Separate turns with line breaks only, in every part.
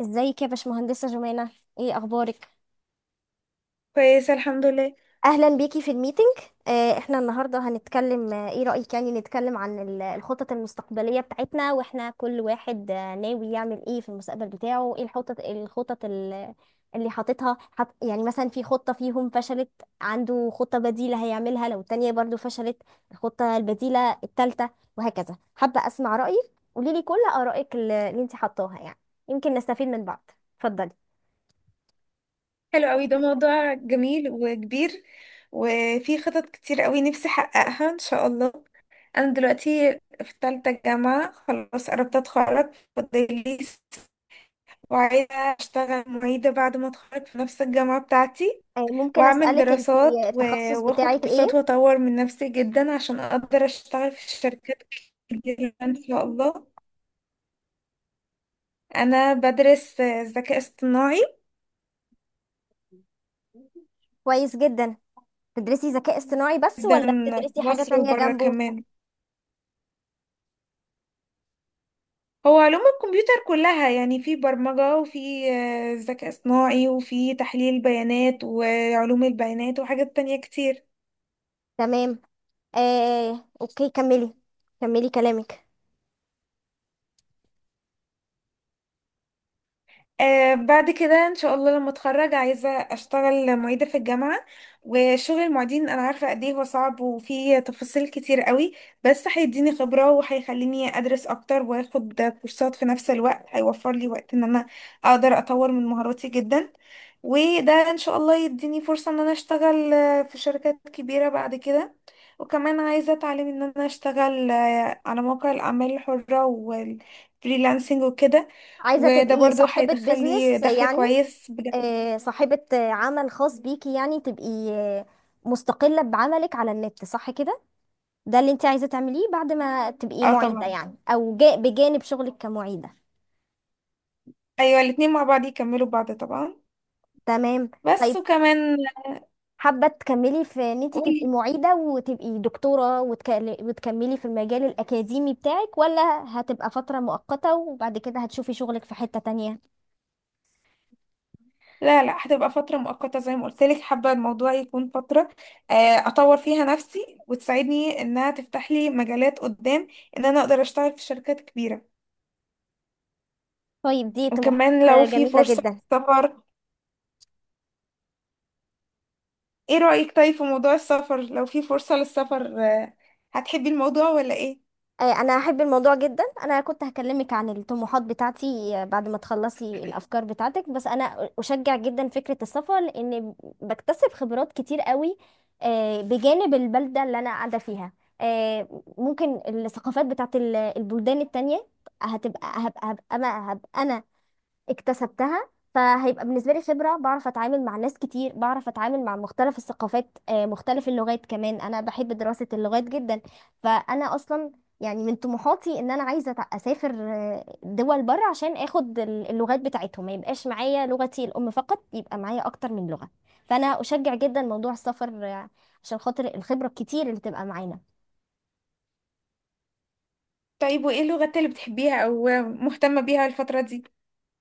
ازيك يا باشمهندسة جمانة؟ ايه اخبارك؟
كويسة الحمد لله.
اهلا بيكي في الميتنج. احنا النهارده هنتكلم، ايه رأيك يعني نتكلم عن الخطط المستقبلية بتاعتنا، واحنا كل واحد ناوي يعمل ايه في المستقبل بتاعه. ايه الخطط، اللي حاططها، يعني مثلا في خطة فيهم فشلت، عنده خطة بديلة هيعملها لو التانية برضو فشلت، الخطة البديلة التالتة وهكذا. حابة اسمع رأيك، قوليلي كل آرائك اللي انت حطاها، يعني يمكن نستفيد من بعض. اتفضلي.
حلو قوي، ده موضوع جميل وكبير، وفي خطط كتير قوي نفسي احققها ان شاء الله. انا دلوقتي في تالتة جامعة، خلاص قربت اتخرج، وعايزة اشتغل معيدة بعد ما اتخرج في نفس الجامعة بتاعتي،
ممكن
واعمل
أسألك انتي،
دراسات
التخصص
واخد
بتاعك
كورسات
ايه؟
واطور من نفسي جدا عشان اقدر اشتغل في شركات كتير ان شاء الله. انا بدرس ذكاء اصطناعي
كويس جدا. بتدرسي ذكاء اصطناعي بس
جدا،
ولا
في
بتدرسي حاجة
مصر
تانية
وبره
جنبه؟
كمان. هو علوم الكمبيوتر كلها، يعني في برمجة وفي ذكاء اصطناعي وفي تحليل بيانات وعلوم البيانات وحاجات تانية كتير.
تمام. اوكي كملي، كملي كلامك.
بعد كده ان شاء الله لما اتخرج عايزه اشتغل معيده في الجامعه. وشغل المعيدين انا عارفه قد ايه هو صعب وفيه تفاصيل كتير قوي، بس هيديني خبره وهيخليني ادرس اكتر واخد كورسات في نفس الوقت، هيوفر لي وقت ان انا اقدر اطور من مهاراتي جدا. وده ان شاء الله يديني فرصه ان انا اشتغل في شركات كبيره بعد كده. وكمان عايزه اتعلم ان انا اشتغل على مواقع الاعمال الحره والفريلانسنج وكده،
عايزة
وده
تبقي
برضو
صاحبة
هيدخل لي
بيزنس
دخل
يعني،
كويس بجد.
صاحبة عمل خاص بيكي، يعني تبقي مستقلة بعملك على النت، صح كده؟ ده اللي انت عايزة تعمليه بعد ما تبقي
اه
معيدة
طبعا.
يعني، او بجانب شغلك كمعيدة؟
ايوه، الاتنين مع بعض يكملوا بعض طبعا.
تمام. طيب،
بس وكمان.
حابة تكملي في ان انت تبقي
قولي.
معيدة وتبقي دكتورة وتكملي في المجال الأكاديمي بتاعك، ولا هتبقى فترة مؤقتة وبعد كده هتشوفي شغلك في حتة تانية؟
لا لا، هتبقى فترة مؤقتة زي ما قلت لك. حابة الموضوع يكون فترة آه، اطور فيها نفسي وتساعدني انها تفتح لي مجالات قدام، ان انا اقدر اشتغل في شركات كبيرة.
طيب، دي طموحات
وكمان لو في
جميلة
فرصة
جدا.
سفر. ايه رأيك طيب في موضوع السفر؟ لو في فرصة للسفر هتحبي الموضوع ولا ايه؟
انا احب الموضوع جدا. انا كنت هكلمك عن الطموحات بتاعتي بعد ما تخلصي الافكار بتاعتك، بس انا اشجع جدا فكرة السفر لان بكتسب خبرات كتير قوي بجانب البلدة اللي انا قاعدة فيها. ممكن الثقافات بتاعت البلدان التانية هتبقى، هبقى انا اكتسبتها، فهيبقى بالنسبة لي خبرة. بعرف أتعامل مع ناس كتير، بعرف أتعامل مع مختلف الثقافات، مختلف اللغات كمان. أنا بحب دراسة اللغات جدا، فأنا أصلا يعني من طموحاتي إن أنا عايزة أسافر دول بره عشان آخد اللغات بتاعتهم. ما يبقاش معايا لغتي الأم فقط، يبقى معايا أكتر من لغة. فأنا أشجع جدا موضوع السفر عشان خاطر الخبرة الكتير اللي تبقى معانا.
طيب وايه اللغات اللي بتحبيها او مهتمة بيها الفترة دي؟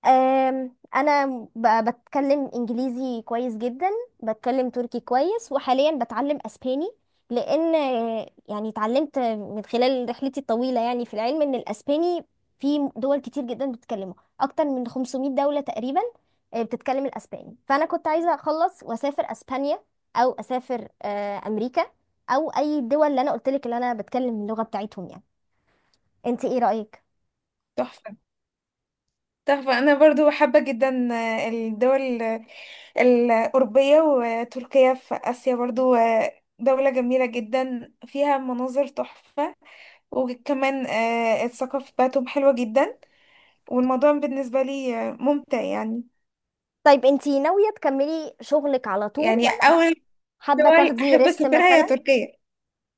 انا بتكلم انجليزي كويس جدا، بتكلم تركي كويس، وحاليا بتعلم اسباني، لان يعني اتعلمت من خلال رحلتي الطويلة يعني في العلم ان الاسباني في دول كتير جدا بتتكلمه، اكتر من 500 دولة تقريبا بتتكلم الاسباني. فانا كنت عايزة اخلص واسافر اسبانيا، او اسافر امريكا، او اي الدول اللي انا قلت لك اللي انا بتكلم اللغة بتاعتهم يعني. انت ايه رأيك؟
تحفة، تحفة. أنا برضو حابة جدا الدول الأوروبية، وتركيا في آسيا برضو دولة جميلة جدا فيها مناظر تحفة، وكمان الثقافة بتاعتهم حلوة جدا، والموضوع بالنسبة لي ممتع يعني.
طيب، انت ناوية تكملي شغلك على طول،
يعني
ولا
أول
حابة
دول
تاخدي
أحب
ريست
أسافرها هي
مثلا؟
تركيا.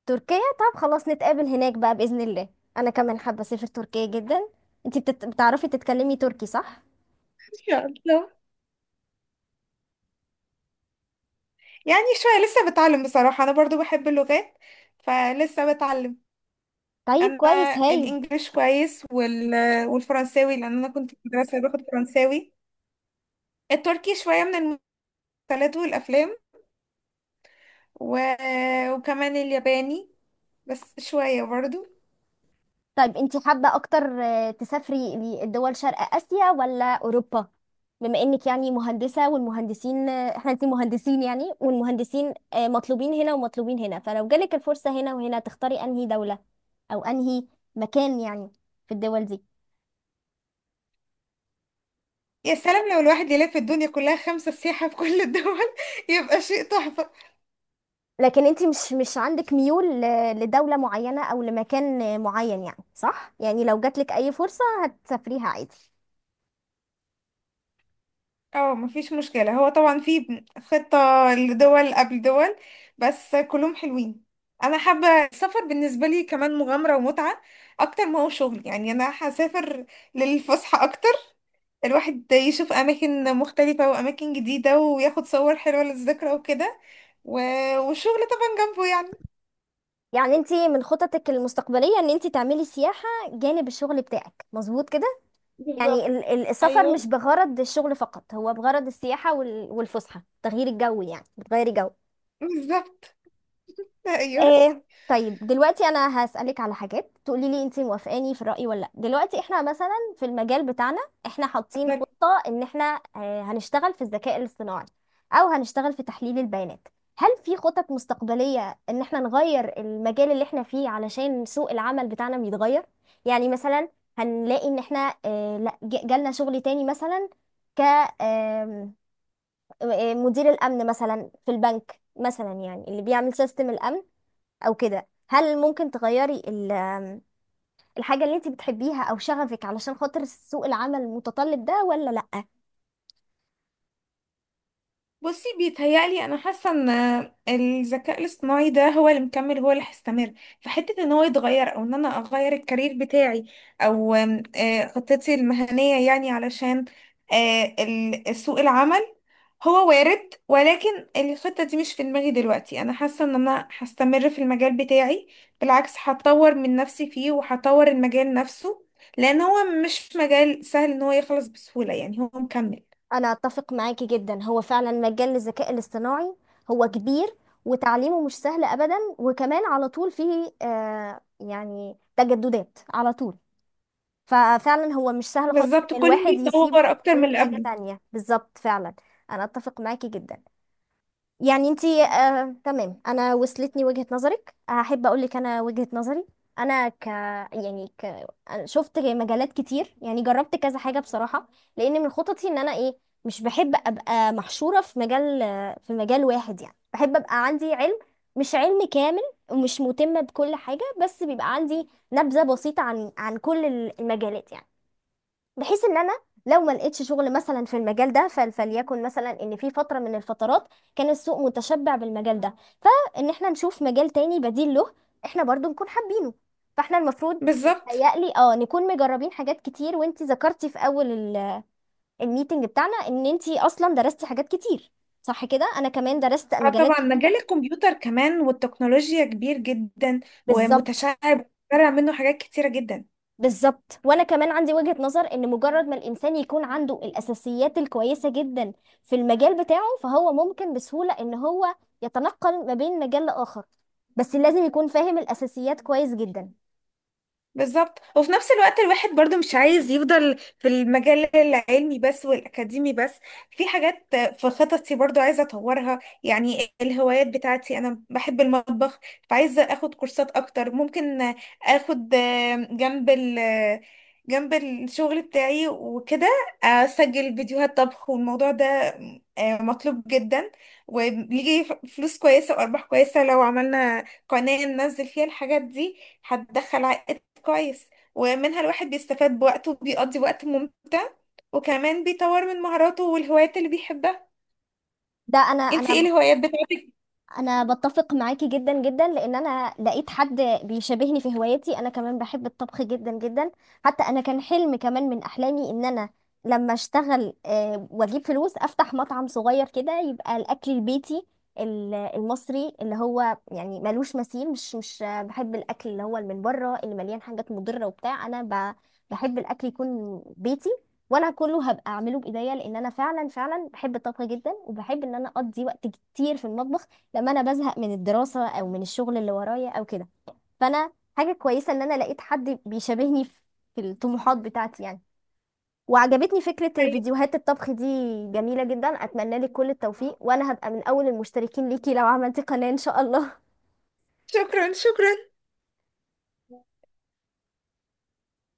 تركيا، طب خلاص نتقابل هناك بقى بإذن الله، أنا كمان حابة أسافر تركيا جدا. انتي بتت... بتعرفي تتكلمي تركي صح؟
إن شاء الله. يعني شوية، لسه بتعلم بصراحة. أنا برضو بحب اللغات فلسه بتعلم.
طيب،
أنا
كويس هايل.
الإنجليش كويس، والفرنساوي لأن أنا كنت في مدرسة باخد فرنساوي. التركي شوية من المسلسلات والأفلام، و... وكمان الياباني بس شوية برضو.
طيب، انتي حابة أكتر تسافري لدول شرق آسيا ولا أوروبا؟ بما إنك يعني مهندسة، والمهندسين احنا، انتي مهندسين يعني، والمهندسين مطلوبين هنا ومطلوبين هنا، فلو جالك الفرصة هنا وهنا تختاري أنهي دولة أو أنهي مكان يعني في الدول دي؟
يا سلام، لو الواحد يلف الدنيا كلها خمسة سياحة في كل الدول يبقى شيء تحفة.
لكن انت مش عندك ميول لدولة معينة او لمكان معين يعني، صح؟ يعني لو جاتلك اي فرصة هتسافريها عادي.
اه مفيش مشكلة، هو طبعا في خطة لدول قبل دول، بس كلهم حلوين. انا حابة السفر بالنسبة لي كمان مغامرة ومتعة، اكتر ما هو شغل. يعني انا هسافر للفسحة اكتر، الواحد يشوف اماكن مختلفة واماكن جديدة وياخد صور حلوة للذكرى وكده، و... والشغل طبعا جنبه يعني.
يعني انت من خططك المستقبلية ان انت تعملي سياحة جانب الشغل بتاعك، مظبوط كده؟ يعني
بالظبط.
السفر مش
ايوه
بغرض الشغل فقط، هو بغرض السياحة والفسحة، تغيير الجو، يعني بتغيري جو.
بالظبط. ايوه.
ايه. طيب، دلوقتي انا هسألك على حاجات تقولي لي انت موافقاني في الرأي ولا لا. دلوقتي احنا مثلا في المجال بتاعنا، احنا حاطين خطة ان احنا هنشتغل في الذكاء الاصطناعي او هنشتغل في تحليل البيانات. هل في خطط مستقبلية ان احنا نغير المجال اللي احنا فيه علشان سوق العمل بتاعنا بيتغير؟ يعني مثلا هنلاقي ان احنا، لا، جالنا شغل تاني مثلا، ك آم، مدير الامن مثلا في البنك مثلا، يعني اللي بيعمل سيستم الامن او كده. هل ممكن تغيري الحاجة اللي انت بتحبيها او شغفك علشان خاطر سوق العمل المتطلب ده، ولا لأ؟
بصي، بيتهيألي انا حاسه ان الذكاء الاصطناعي ده هو اللي مكمل، هو اللي هيستمر. فحته ان هو يتغير او ان انا اغير الكارير بتاعي، او آم، آه، خطتي المهنيه يعني، علشان سوق العمل، هو وارد ولكن الخطه دي مش في دماغي دلوقتي. انا حاسه ان انا هستمر في المجال بتاعي، بالعكس هطور من نفسي فيه وهطور المجال نفسه، لان هو مش مجال سهل ان هو يخلص بسهوله يعني، هو مكمل.
انا اتفق معاكي جدا. هو فعلا مجال الذكاء الاصطناعي هو كبير، وتعليمه مش سهل ابدا، وكمان على طول فيه آه يعني تجددات على طول. ففعلا هو مش سهل خالص
بالظبط،
ان
كل يوم
الواحد يسيبه
بيتطور اكتر من
ويتعلم
اللي
حاجة
قبله.
تانية، بالظبط فعلا. انا اتفق معاكي جدا. يعني انتي تمام، انا وصلتني وجهة نظرك، هحب اقول لك انا وجهة نظري. انا ك يعني ك أنا شفت مجالات كتير، يعني جربت كذا حاجة بصراحة، لان من خططي ان انا ايه، مش بحب ابقى محشورة في مجال، في مجال واحد يعني. بحب ابقى عندي علم، مش علم كامل ومش مهتمة بكل حاجة، بس بيبقى عندي نبذة بسيطة عن كل المجالات يعني، بحيث ان انا لو ما لقيتش شغل مثلا في المجال ده، فليكن مثلا ان في فتره من الفترات كان السوق متشبع بالمجال ده، فان احنا نشوف مجال تاني بديل له احنا برضو نكون حابينه. فاحنا المفروض
بالظبط.
بيتهيألي اه نكون مجربين حاجات كتير، وانتي ذكرتي في اول الميتنج بتاعنا ان انتي اصلا درستي حاجات كتير، صح كده؟ انا كمان درست
اه
مجالات
طبعا،
كتير.
مجال الكمبيوتر كمان والتكنولوجيا كبير جدا،
بالظبط.
ومتشعب طالع منه حاجات كتيرة جدا.
بالظبط، وانا كمان عندي وجهة نظر ان مجرد ما الانسان يكون عنده الاساسيات الكويسة جدا في المجال بتاعه، فهو ممكن بسهولة ان هو يتنقل ما بين مجال لاخر، بس لازم يكون فاهم الاساسيات كويس جدا.
بالظبط. وفي نفس الوقت الواحد برضو مش عايز يفضل في المجال العلمي بس والأكاديمي بس. في حاجات في خططي برضو عايزة أطورها، يعني الهوايات بتاعتي. أنا بحب المطبخ، فعايزة أخد كورسات أكتر. ممكن أخد جنب ال جنب الشغل بتاعي وكده أسجل فيديوهات طبخ، والموضوع ده مطلوب جدا وبيجي فلوس كويسة وأرباح كويسة. لو عملنا قناة ننزل فيها الحاجات دي هتدخل كويس، ومنها الواحد بيستفاد بوقته وبيقضي وقت ممتع، وكمان بيطور من مهاراته والهوايات اللي بيحبها.
ده انا
انت ايه
انا
الهوايات بتاعتك؟
انا بتفق معاكي جدا جدا، لان انا لقيت حد بيشبهني في هوايتي. انا كمان بحب الطبخ جدا جدا، حتى انا كان حلم كمان من احلامي ان انا لما اشتغل واجيب فلوس افتح مطعم صغير كده، يبقى الاكل البيتي المصري اللي هو يعني ملوش مثيل. مش بحب الاكل اللي هو اللي من بره اللي مليان حاجات مضرة وبتاع. انا بحب الاكل يكون بيتي، وانا كله هبقى اعمله بايديا، لان انا فعلا بحب الطبخ جدا، وبحب ان انا اقضي وقت كتير في المطبخ لما انا بزهق من الدراسه او من الشغل اللي ورايا او كده. فانا حاجه كويسه ان انا لقيت حد بيشابهني في الطموحات بتاعتي يعني. وعجبتني فكره
طيب.
فيديوهات الطبخ دي، جميله جدا. اتمنى لك كل التوفيق، وانا هبقى من اول المشتركين ليكي لو عملتي قناه ان شاء الله.
شكرا شكرا.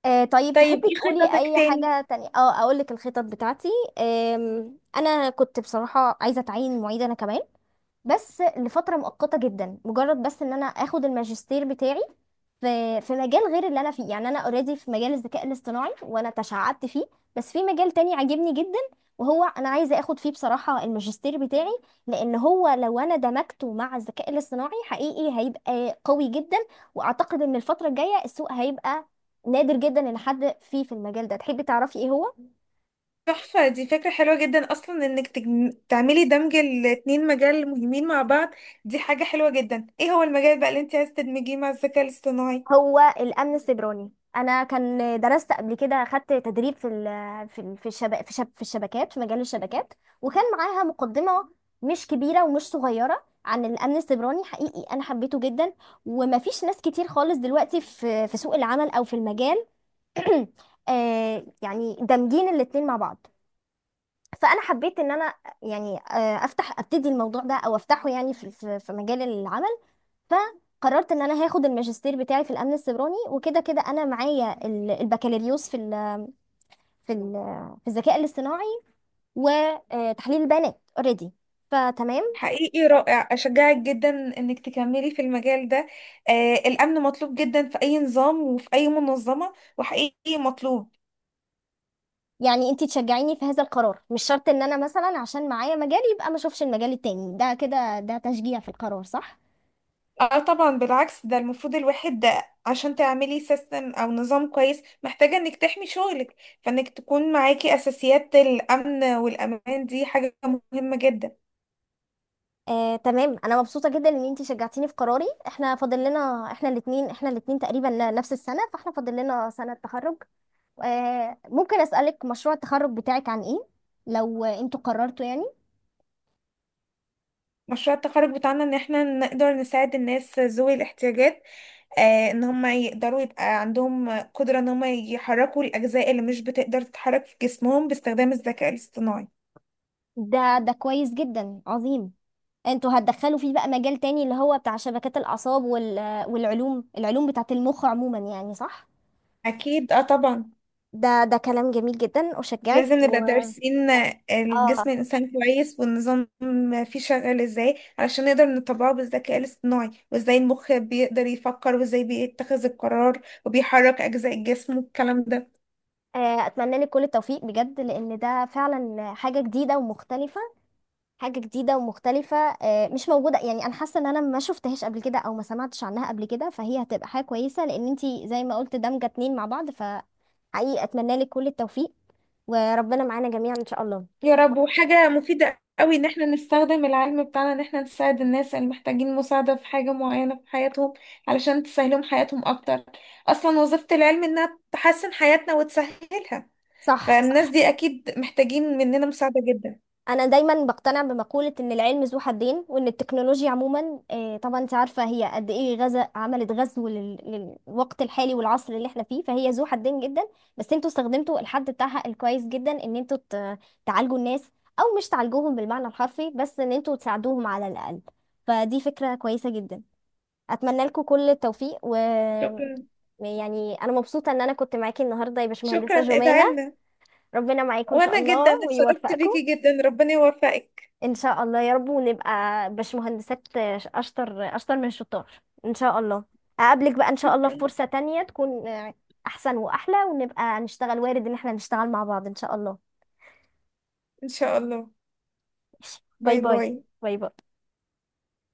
آه طيب،
طيب
تحبي
ايه
تقولي
خططك
اي
تاني؟
حاجة تانية؟ اه، اقول لك الخطط بتاعتي. انا كنت بصراحة عايزة اتعين معيد انا كمان، بس لفترة مؤقتة جدا، مجرد بس ان انا اخد الماجستير بتاعي في مجال غير اللي انا فيه يعني. انا اوريدي في مجال الذكاء الاصطناعي وانا تشعبت فيه، بس في مجال تاني عاجبني جدا وهو انا عايزة اخد فيه بصراحة الماجستير بتاعي، لان هو لو انا دمجته مع الذكاء الاصطناعي حقيقي هيبقى قوي جدا. واعتقد ان الفترة الجاية السوق هيبقى نادر جدا ان حد فيه في المجال ده. تحبي تعرفي ايه هو؟
تحفة، دي فكرة حلوة جدا أصلا إنك تعملي دمج الاتنين مجال مهمين مع بعض. دي حاجة حلوة جدا. إيه هو المجال بقى اللي أنت عايزة تدمجيه مع الذكاء الاصطناعي؟
هو الامن السيبراني. انا كان درست قبل كده، خدت تدريب في الشبا في, شب في الشبكات في مجال الشبكات، وكان معاها مقدمه مش كبيره ومش صغيره عن الامن السيبراني، حقيقي انا حبيته جدا. ومفيش ناس كتير خالص دلوقتي في سوق العمل او في المجال يعني دامجين الاتنين مع بعض. فانا حبيت ان انا يعني ابتدي الموضوع ده او افتحه يعني في مجال العمل. فقررت ان انا هاخد الماجستير بتاعي في الامن السيبراني، وكده كده انا معايا البكالوريوس في ال في الذكاء الاصطناعي وتحليل البيانات اوريدي، فتمام.
حقيقي رائع، أشجعك جدا إنك تكملي في المجال ده. آه الأمن مطلوب جدا في أي نظام وفي أي منظمة، وحقيقي مطلوب.
يعني انتي تشجعيني في هذا القرار؟ مش شرط ان انا مثلا عشان معايا مجال يبقى ما اشوفش المجال التاني ده، كده ده تشجيع في القرار، صح؟
اه طبعا، بالعكس، ده المفروض الواحد ده، عشان تعملي سيستم او نظام كويس محتاجة انك تحمي شغلك، فانك تكون معاكي اساسيات الامن والامان دي حاجة مهمة جدا.
تمام، انا مبسوطه جدا ان انتي شجعتيني في قراري. احنا فاضل لنا، احنا الاثنين، احنا الاثنين تقريبا نفس السنه، فاحنا فاضل لنا سنه تخرج. ممكن أسألك مشروع التخرج بتاعك عن ايه، لو انتوا قررتوا يعني؟
مشروع التخرج بتاعنا ان احنا نقدر نساعد الناس ذوي الاحتياجات، ان هم يقدروا يبقى عندهم قدرة ان هم يحركوا الاجزاء اللي مش بتقدر تتحرك في جسمهم باستخدام الذكاء الاصطناعي.
ده ده كويس جدا، عظيم. انتوا هتدخلوا فيه بقى مجال تاني اللي هو بتاع شبكات الأعصاب والعلوم، بتاعة المخ عموما يعني، صح؟
اكيد اه طبعا.
ده ده كلام جميل جدا، أشجعك.
لازم نبقى
و
دارسين
اه،
الجسم الإنسان كويس، والنظام فيه شغال ازاي علشان نقدر نطبقه بالذكاء الاصطناعي، وازاي المخ بيقدر يفكر وازاي بيتخذ القرار وبيحرك أجزاء الجسم والكلام ده.
أتمنى لك كل التوفيق بجد، لأن ده فعلا حاجة جديدة ومختلفة، حاجة جديدة ومختلفة مش موجودة يعني. أنا حاسة إن أنا ما شفتهاش قبل كده أو ما سمعتش عنها قبل كده، فهي هتبقى حاجة كويسة، لأن أنتي زي ما قلت دمجة اتنين مع بعض. فحقيقي أتمنى لك كل التوفيق، وربنا معانا جميعا إن شاء الله.
يا رب. وحاجة مفيدة قوي ان احنا نستخدم العلم بتاعنا ان احنا نساعد الناس اللي محتاجين مساعدة في حاجة معينة في حياتهم، علشان تسهلهم حياتهم اكتر. اصلا وظيفة العلم انها تحسن حياتنا وتسهلها،
صح،
فالناس
صح.
دي اكيد محتاجين مننا مساعدة جدا.
انا دايما بقتنع بمقولة ان العلم ذو حدين، وان التكنولوجيا عموما طبعا انت عارفة هي قد ايه غزا، عملت غزو للوقت الحالي والعصر اللي احنا فيه، فهي ذو حدين جدا. بس انتوا استخدمتوا الحد بتاعها الكويس جدا ان انتوا تعالجوا الناس، او مش تعالجوهم بالمعنى الحرفي بس، ان انتوا تساعدوهم على الاقل. فدي فكرة كويسة جدا، اتمنى لكم كل التوفيق. و
شكرا
يعني انا مبسوطة ان انا كنت معاكي النهاردة يا
شكرا،
باشمهندسة جمانة.
ادعي لنا.
ربنا معاكم ان شاء
وانا جدا
الله
اتشرفت
ويوفقكم.
بيكي جدا، ربنا يوفقك.
ان شاء الله يا رب، ونبقى باشمهندسات اشطر، اشطر من الشطار ان شاء الله. اقابلك بقى ان شاء الله في
شكرا.
فرصة تانية تكون احسن واحلى، ونبقى نشتغل. وارد ان احنا نشتغل مع بعض ان شاء الله.
ان شاء الله.
ماشي. باي
باي
باي.
باي.
باي باي.